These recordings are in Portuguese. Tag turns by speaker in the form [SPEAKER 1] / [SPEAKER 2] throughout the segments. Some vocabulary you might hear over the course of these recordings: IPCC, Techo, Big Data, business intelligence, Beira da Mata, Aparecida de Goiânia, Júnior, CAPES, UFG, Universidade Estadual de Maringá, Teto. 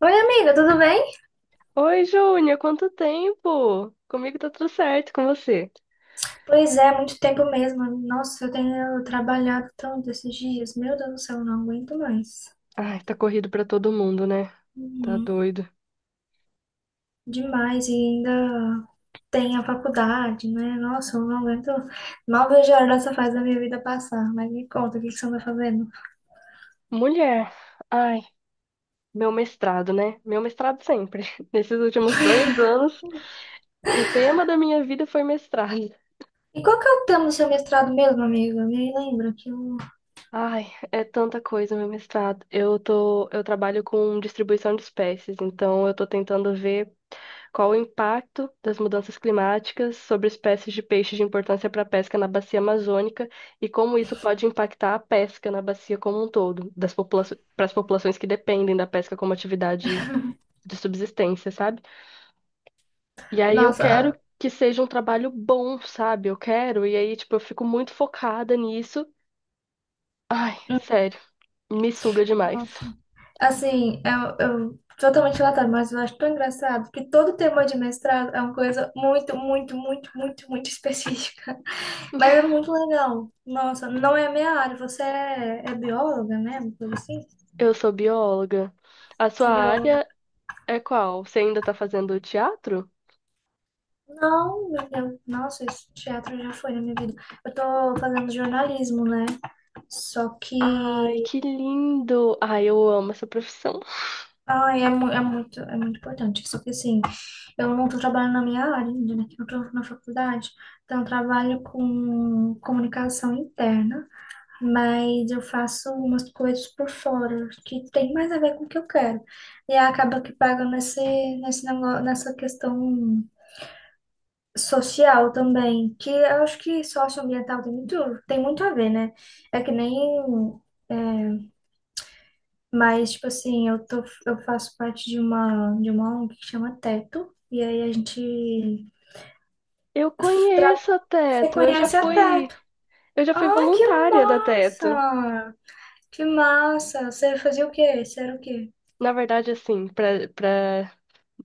[SPEAKER 1] Oi, amiga, tudo bem?
[SPEAKER 2] Oi, Júnior, quanto tempo? Comigo tá tudo certo, com você?
[SPEAKER 1] Pois é, muito tempo mesmo. Nossa, eu tenho trabalhado tanto esses dias. Meu Deus do céu, eu não aguento mais.
[SPEAKER 2] Ai, tá corrido pra todo mundo, né? Tá
[SPEAKER 1] Uhum.
[SPEAKER 2] doido.
[SPEAKER 1] Demais, e ainda tem a faculdade, né? Nossa, eu não aguento. Mal vejo a hora dessa fase da minha vida passar. Mas me conta, o que que você anda fazendo?
[SPEAKER 2] Mulher, ai, meu mestrado, né? Meu mestrado sempre. Nesses últimos 2 anos, o tema da minha vida foi mestrado.
[SPEAKER 1] E qual que é o tema do seu mestrado mesmo, amiga? Me lembra que eu...
[SPEAKER 2] Ai, é tanta coisa, meu mestrado. Eu trabalho com distribuição de espécies, então eu tô tentando ver qual o impacto das mudanças climáticas sobre espécies de peixe de importância para a pesca na bacia amazônica e como isso pode impactar a pesca na bacia como um todo, das popula para as populações que dependem da pesca como atividade de subsistência, sabe? E aí eu
[SPEAKER 1] Nossa, a-
[SPEAKER 2] quero que seja um trabalho bom, sabe? E aí, tipo, eu fico muito focada nisso. Ai, sério, me suga demais.
[SPEAKER 1] Nossa. Assim, eu totalmente latado, mas eu acho tão engraçado que todo tema de mestrado é uma coisa muito, muito, muito, muito, muito específica. Mas é muito legal. Nossa, não é a minha área. Você é, é bióloga, né? Uma coisa assim?
[SPEAKER 2] Eu sou bióloga. A sua
[SPEAKER 1] Você é bióloga?
[SPEAKER 2] área é qual? Você ainda tá fazendo teatro?
[SPEAKER 1] Não, meu Deus. Nossa, esse teatro já foi na minha vida. Eu tô fazendo jornalismo, né? Só
[SPEAKER 2] Ai,
[SPEAKER 1] que
[SPEAKER 2] que lindo! Ai, eu amo essa profissão.
[SPEAKER 1] ai, é, mu- é muito importante. Só que assim, eu não estou trabalhando na minha área ainda, né? que eu estou na faculdade, então eu trabalho com comunicação interna, mas eu faço umas coisas por fora que tem mais a ver com o que eu quero. E aí acaba que paga nesse, nesse negócio, nessa questão social também, que eu acho que socioambiental tem muito a ver, né? É que nem é, mas, tipo assim, eu tô, eu faço parte de uma ONG que chama Teto. E aí a gente
[SPEAKER 2] Eu
[SPEAKER 1] tra-
[SPEAKER 2] conheço a
[SPEAKER 1] Você
[SPEAKER 2] Teto. Eu já
[SPEAKER 1] conhece a
[SPEAKER 2] fui,
[SPEAKER 1] Teto?
[SPEAKER 2] eu já fui
[SPEAKER 1] Ai, que
[SPEAKER 2] voluntária da Teto.
[SPEAKER 1] massa! Que massa! Você fazia o quê? Você era o quê?
[SPEAKER 2] Na verdade, assim, para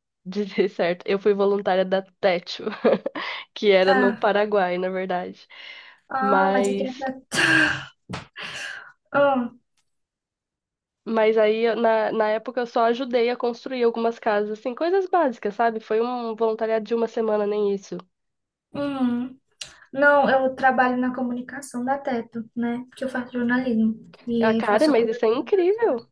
[SPEAKER 2] dizer certo, eu fui voluntária da Techo, que era no
[SPEAKER 1] Ah,
[SPEAKER 2] Paraguai, na verdade.
[SPEAKER 1] ah, mas aqui é
[SPEAKER 2] Mas,
[SPEAKER 1] Teto. Ah,
[SPEAKER 2] mas aí, na época, eu só ajudei a construir algumas casas, assim, coisas básicas, sabe? Foi um voluntariado de uma semana, nem isso.
[SPEAKER 1] hum. Não, eu trabalho na comunicação da Teto, né? Porque eu faço jornalismo. E
[SPEAKER 2] Ah,
[SPEAKER 1] aí
[SPEAKER 2] cara,
[SPEAKER 1] faço a
[SPEAKER 2] mas isso é
[SPEAKER 1] cobertura.
[SPEAKER 2] incrível!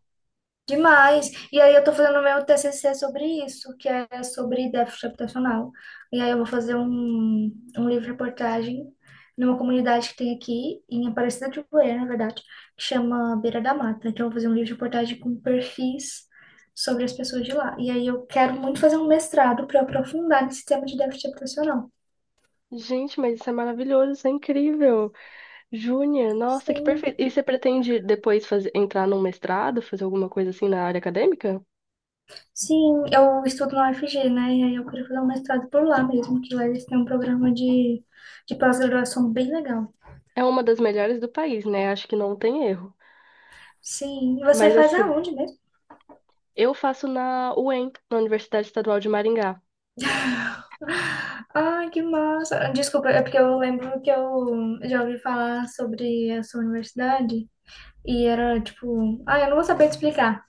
[SPEAKER 1] Demais. E aí eu tô fazendo o meu TCC sobre isso, que é sobre déficit habitacional. E aí eu vou fazer um livro-reportagem numa comunidade que tem aqui, em Aparecida de Goiânia, na verdade, que chama Beira da Mata. Então eu vou fazer um livro-reportagem com perfis sobre as pessoas de lá. E aí eu quero muito fazer um mestrado para aprofundar nesse tema de déficit habitacional.
[SPEAKER 2] Gente, mas isso é maravilhoso, isso é incrível! Júnior, nossa, que
[SPEAKER 1] Sim,
[SPEAKER 2] perfeito. E você pretende depois fazer, entrar num mestrado, fazer alguma coisa assim na área acadêmica?
[SPEAKER 1] sim, eu estudo na UFG, né? E aí eu queria fazer um mestrado por lá mesmo, que lá eles têm um programa de pós-graduação bem legal.
[SPEAKER 2] É uma das melhores do país, né? Acho que não tem erro.
[SPEAKER 1] Sim. E você
[SPEAKER 2] Mas
[SPEAKER 1] faz
[SPEAKER 2] assim,
[SPEAKER 1] aonde mesmo?
[SPEAKER 2] eu faço na UEM, na Universidade Estadual de Maringá.
[SPEAKER 1] Ai, que massa. Desculpa, é porque eu lembro que eu já ouvi falar sobre a sua universidade e era tipo, ah, eu não vou saber te explicar,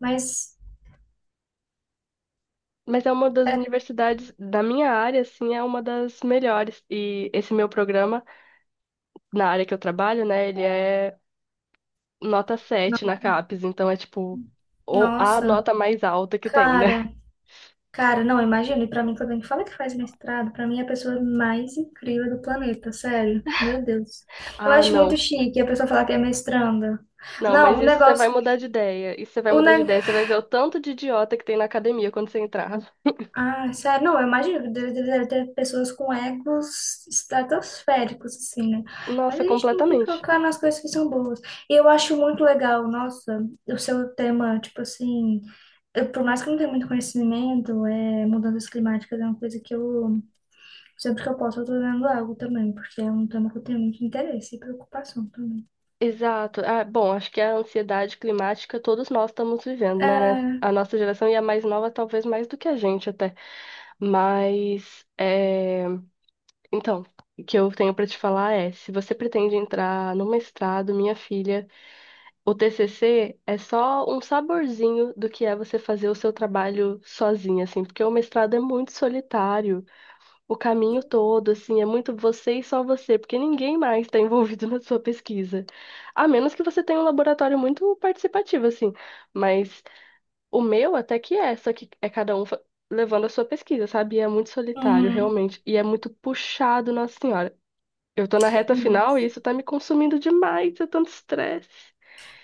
[SPEAKER 1] mas
[SPEAKER 2] Mas é uma das
[SPEAKER 1] é,
[SPEAKER 2] universidades da minha área, assim, é uma das melhores. E esse meu programa, na área que eu trabalho, né, ele é nota
[SPEAKER 1] no-
[SPEAKER 2] sete na CAPES, então é tipo a
[SPEAKER 1] nossa,
[SPEAKER 2] nota mais alta que tem, né?
[SPEAKER 1] cara, cara, não, imagina, e pra mim quando a gente fala que faz mestrado, pra mim é a pessoa mais incrível do planeta, sério. Meu Deus. Eu
[SPEAKER 2] Ah,
[SPEAKER 1] acho muito
[SPEAKER 2] não.
[SPEAKER 1] chique a pessoa falar que é mestranda.
[SPEAKER 2] Não,
[SPEAKER 1] Não,
[SPEAKER 2] mas
[SPEAKER 1] o
[SPEAKER 2] isso você vai
[SPEAKER 1] negócio,
[SPEAKER 2] mudar de ideia. Isso você vai
[SPEAKER 1] o
[SPEAKER 2] mudar de ideia. Você vai ver o tanto de idiota que tem na academia quando você entrar.
[SPEAKER 1] ah, sério, não, eu imagino que deve, deve, deve ter pessoas com egos estratosféricos, assim, né? Mas a
[SPEAKER 2] Nossa,
[SPEAKER 1] gente tem que
[SPEAKER 2] completamente.
[SPEAKER 1] focar nas coisas que são boas. E eu acho muito legal, nossa, o seu tema, tipo assim, eu, por mais que eu não tenha muito conhecimento, é, mudanças climáticas é uma coisa que eu, sempre que eu posso, eu tô lendo algo também, porque é um tema que eu tenho muito interesse e preocupação também.
[SPEAKER 2] Exato. Ah, bom, acho que a ansiedade climática todos nós estamos vivendo, né?
[SPEAKER 1] É,
[SPEAKER 2] A nossa geração e a mais nova, talvez mais do que a gente até. Mas, então, o que eu tenho pra te falar é: se você pretende entrar no mestrado, minha filha, o TCC é só um saborzinho do que é você fazer o seu trabalho sozinha, assim, porque o mestrado é muito solitário. O caminho todo, assim, é muito você e só você, porque ninguém mais está envolvido na sua pesquisa. A menos que você tenha um laboratório muito participativo, assim. Mas o meu até que é, só que é cada um levando a sua pesquisa, sabe? E é muito solitário,
[SPEAKER 1] uhum.
[SPEAKER 2] realmente. E é muito puxado, Nossa Senhora. Eu tô na reta final e isso tá me consumindo demais, é tanto estresse.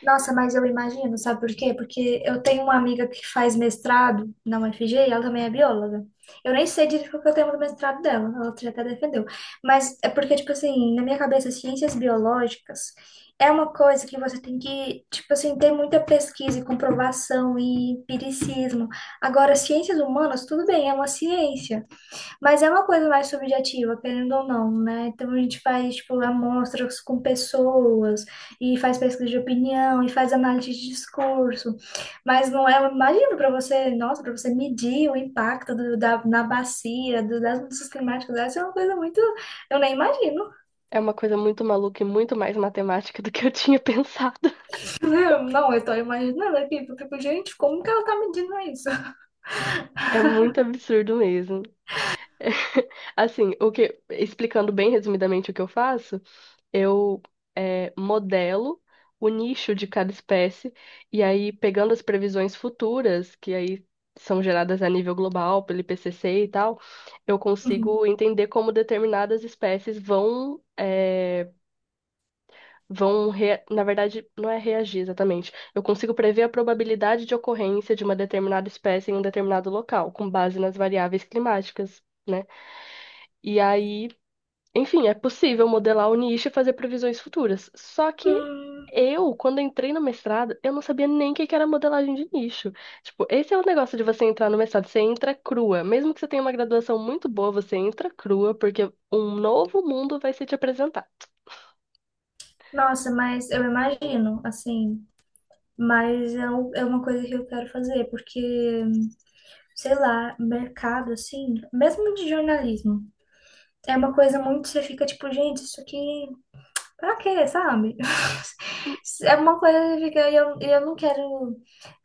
[SPEAKER 1] Nossa, mas eu imagino, sabe por quê? Porque eu tenho uma amiga que faz mestrado na UFG e ela também é bióloga. Eu nem sei direito qual que é o tema do mestrado dela, ela já até defendeu. Mas é porque, tipo assim, na minha cabeça, ciências biológicas é uma coisa que você tem que, tipo assim, ter muita pesquisa e comprovação e empiricismo. Agora, ciências humanas, tudo bem, é uma ciência. Mas é uma coisa mais subjetiva, querendo ou não, né? Então a gente faz, tipo, amostras com pessoas, e faz pesquisa de opinião, e faz análise de discurso. Mas não é, imagino para você, nossa, para você medir o impacto do, da, na bacia, do, das mudanças climáticas, essa é uma coisa muito. Eu nem imagino.
[SPEAKER 2] É uma coisa muito maluca e muito mais matemática do que eu tinha pensado.
[SPEAKER 1] Não, eu tô imaginando aqui, eu fico, gente, como que ela tá medindo isso?
[SPEAKER 2] É muito absurdo mesmo. Assim, o que, explicando bem resumidamente o que eu faço, eu modelo o nicho de cada espécie e aí pegando as previsões futuras, que aí são geradas a nível global pelo IPCC e tal, eu
[SPEAKER 1] Uhum.
[SPEAKER 2] consigo entender como determinadas espécies vão, na verdade, não é reagir exatamente. Eu consigo prever a probabilidade de ocorrência de uma determinada espécie em um determinado local, com base nas variáveis climáticas, né? E aí, enfim, é possível modelar o nicho e fazer previsões futuras. Só que
[SPEAKER 1] Hum,
[SPEAKER 2] eu, quando entrei no mestrado, eu não sabia nem o que que era modelagem de nicho. Tipo, esse é o negócio de você entrar no mestrado, você entra crua. Mesmo que você tenha uma graduação muito boa, você entra crua, porque um novo mundo vai ser te apresentado.
[SPEAKER 1] nossa, mas eu imagino, assim, mas é, um- é uma coisa que eu quero fazer, porque. Sei lá, mercado, assim, mesmo de jornalismo. É uma coisa muito, você fica tipo, gente, isso aqui, pra quê, sabe?
[SPEAKER 2] Hum.
[SPEAKER 1] É uma coisa que fica, e eu não quero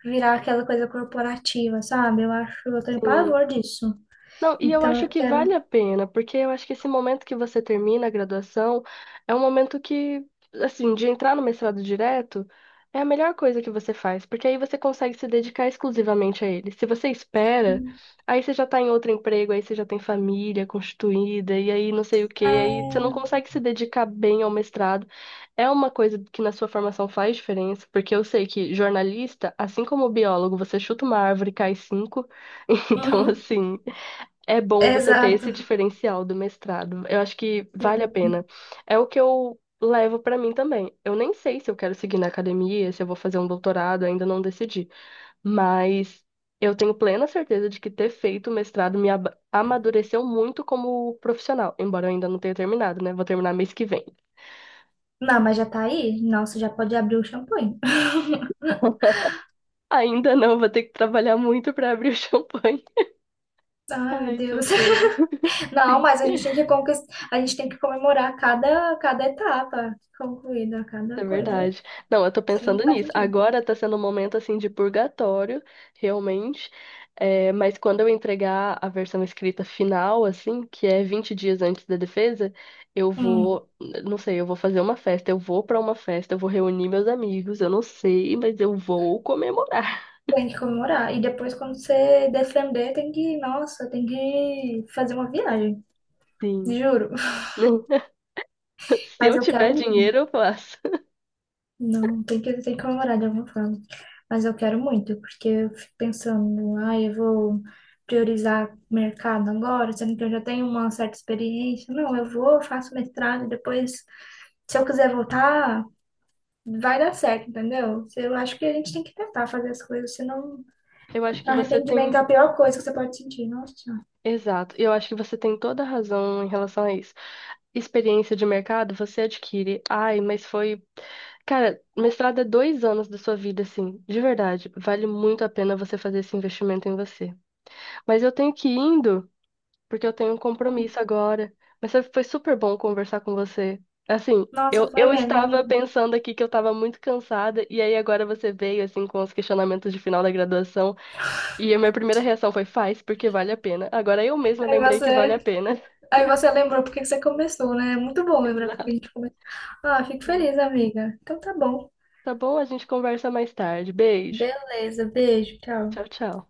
[SPEAKER 1] virar aquela coisa corporativa, sabe? Eu acho, eu tenho
[SPEAKER 2] Hum.
[SPEAKER 1] pavor disso.
[SPEAKER 2] Não, e eu
[SPEAKER 1] Então eu
[SPEAKER 2] acho que
[SPEAKER 1] quero.
[SPEAKER 2] vale a pena, porque eu acho que esse momento que você termina a graduação é um momento que, assim, de entrar no mestrado direto é a melhor coisa que você faz, porque aí você consegue se dedicar exclusivamente a ele. Se você espera, aí você já tá em outro emprego, aí você já tem família constituída, e aí não sei o
[SPEAKER 1] É...
[SPEAKER 2] quê, aí você não consegue se dedicar bem ao mestrado. É uma coisa que na sua formação faz diferença, porque eu sei que jornalista, assim como biólogo, você chuta uma árvore e cai cinco. Então,
[SPEAKER 1] Uhum,
[SPEAKER 2] assim. É bom você ter
[SPEAKER 1] exato.
[SPEAKER 2] esse diferencial do mestrado. Eu acho que vale a
[SPEAKER 1] Sim.
[SPEAKER 2] pena. É o que eu levo pra mim também. Eu nem sei se eu quero seguir na academia, se eu vou fazer um doutorado, ainda não decidi. Mas eu tenho plena certeza de que ter feito o mestrado amadureceu muito como profissional, embora eu ainda não tenha terminado, né? Vou terminar mês que vem.
[SPEAKER 1] Não, mas já tá aí? Nossa, já pode abrir o champanhe.
[SPEAKER 2] Ainda não, vou ter que trabalhar muito pra abrir o champanhe.
[SPEAKER 1] Ai, meu
[SPEAKER 2] Ai,
[SPEAKER 1] Deus.
[SPEAKER 2] socorro.
[SPEAKER 1] Não,
[SPEAKER 2] Sim.
[SPEAKER 1] mas a gente tem que conquistar, a gente tem que comemorar cada, cada etapa concluída, cada
[SPEAKER 2] É
[SPEAKER 1] coisa.
[SPEAKER 2] verdade. Não, eu tô
[SPEAKER 1] Isso não
[SPEAKER 2] pensando
[SPEAKER 1] faz
[SPEAKER 2] nisso.
[SPEAKER 1] sentido.
[SPEAKER 2] Agora tá sendo um momento assim de purgatório, realmente. É, mas quando eu entregar a versão escrita final, assim, que é 20 dias antes da defesa, eu
[SPEAKER 1] Hum,
[SPEAKER 2] vou, não sei, eu vou fazer uma festa, eu vou pra uma festa, eu vou reunir meus amigos, eu não sei, mas eu vou comemorar.
[SPEAKER 1] tem que comemorar. E depois, quando você defender, tem que, nossa, tem que fazer uma viagem.
[SPEAKER 2] Sim.
[SPEAKER 1] Juro.
[SPEAKER 2] Se
[SPEAKER 1] Mas
[SPEAKER 2] eu
[SPEAKER 1] eu
[SPEAKER 2] tiver
[SPEAKER 1] quero muito.
[SPEAKER 2] dinheiro, eu faço.
[SPEAKER 1] Não, tem que comemorar de alguma forma. Mas eu quero muito, porque eu fico pensando, ah, eu vou priorizar mercado agora, sendo que eu já tenho uma certa experiência. Não, eu vou, faço mestrado, depois, se eu quiser voltar, vai dar certo, entendeu? Eu acho que a gente tem que tentar fazer as coisas, senão
[SPEAKER 2] Eu acho que você
[SPEAKER 1] arrependimento é
[SPEAKER 2] tem.
[SPEAKER 1] a pior coisa que você pode sentir. Nossa, Senhora.
[SPEAKER 2] Exato. Eu acho que você tem toda a razão em relação a isso. Experiência de mercado você adquire. Ai, mas foi. Cara, mestrado é 2 anos da sua vida, assim, de verdade. Vale muito a pena você fazer esse investimento em você. Mas eu tenho que ir indo, porque eu tenho um
[SPEAKER 1] Hum.
[SPEAKER 2] compromisso agora. Mas sabe, foi super bom conversar com você. Assim,
[SPEAKER 1] Nossa,
[SPEAKER 2] eu,
[SPEAKER 1] foi
[SPEAKER 2] eu
[SPEAKER 1] mesmo.
[SPEAKER 2] estava
[SPEAKER 1] Mesmo.
[SPEAKER 2] pensando aqui que eu estava muito cansada, e aí agora você veio, assim, com os questionamentos de final da graduação, e a minha primeira reação foi: faz, porque vale a pena. Agora eu mesma
[SPEAKER 1] Aí
[SPEAKER 2] lembrei que vale
[SPEAKER 1] você,
[SPEAKER 2] a pena.
[SPEAKER 1] aí você lembrou porque que você começou, né? É muito bom lembrar porque a gente começou. Ah, fico
[SPEAKER 2] Exato.
[SPEAKER 1] feliz, amiga. Então tá bom.
[SPEAKER 2] Tá bom? A gente conversa mais tarde. Beijo.
[SPEAKER 1] Beleza, beijo, tchau.
[SPEAKER 2] Tchau, tchau.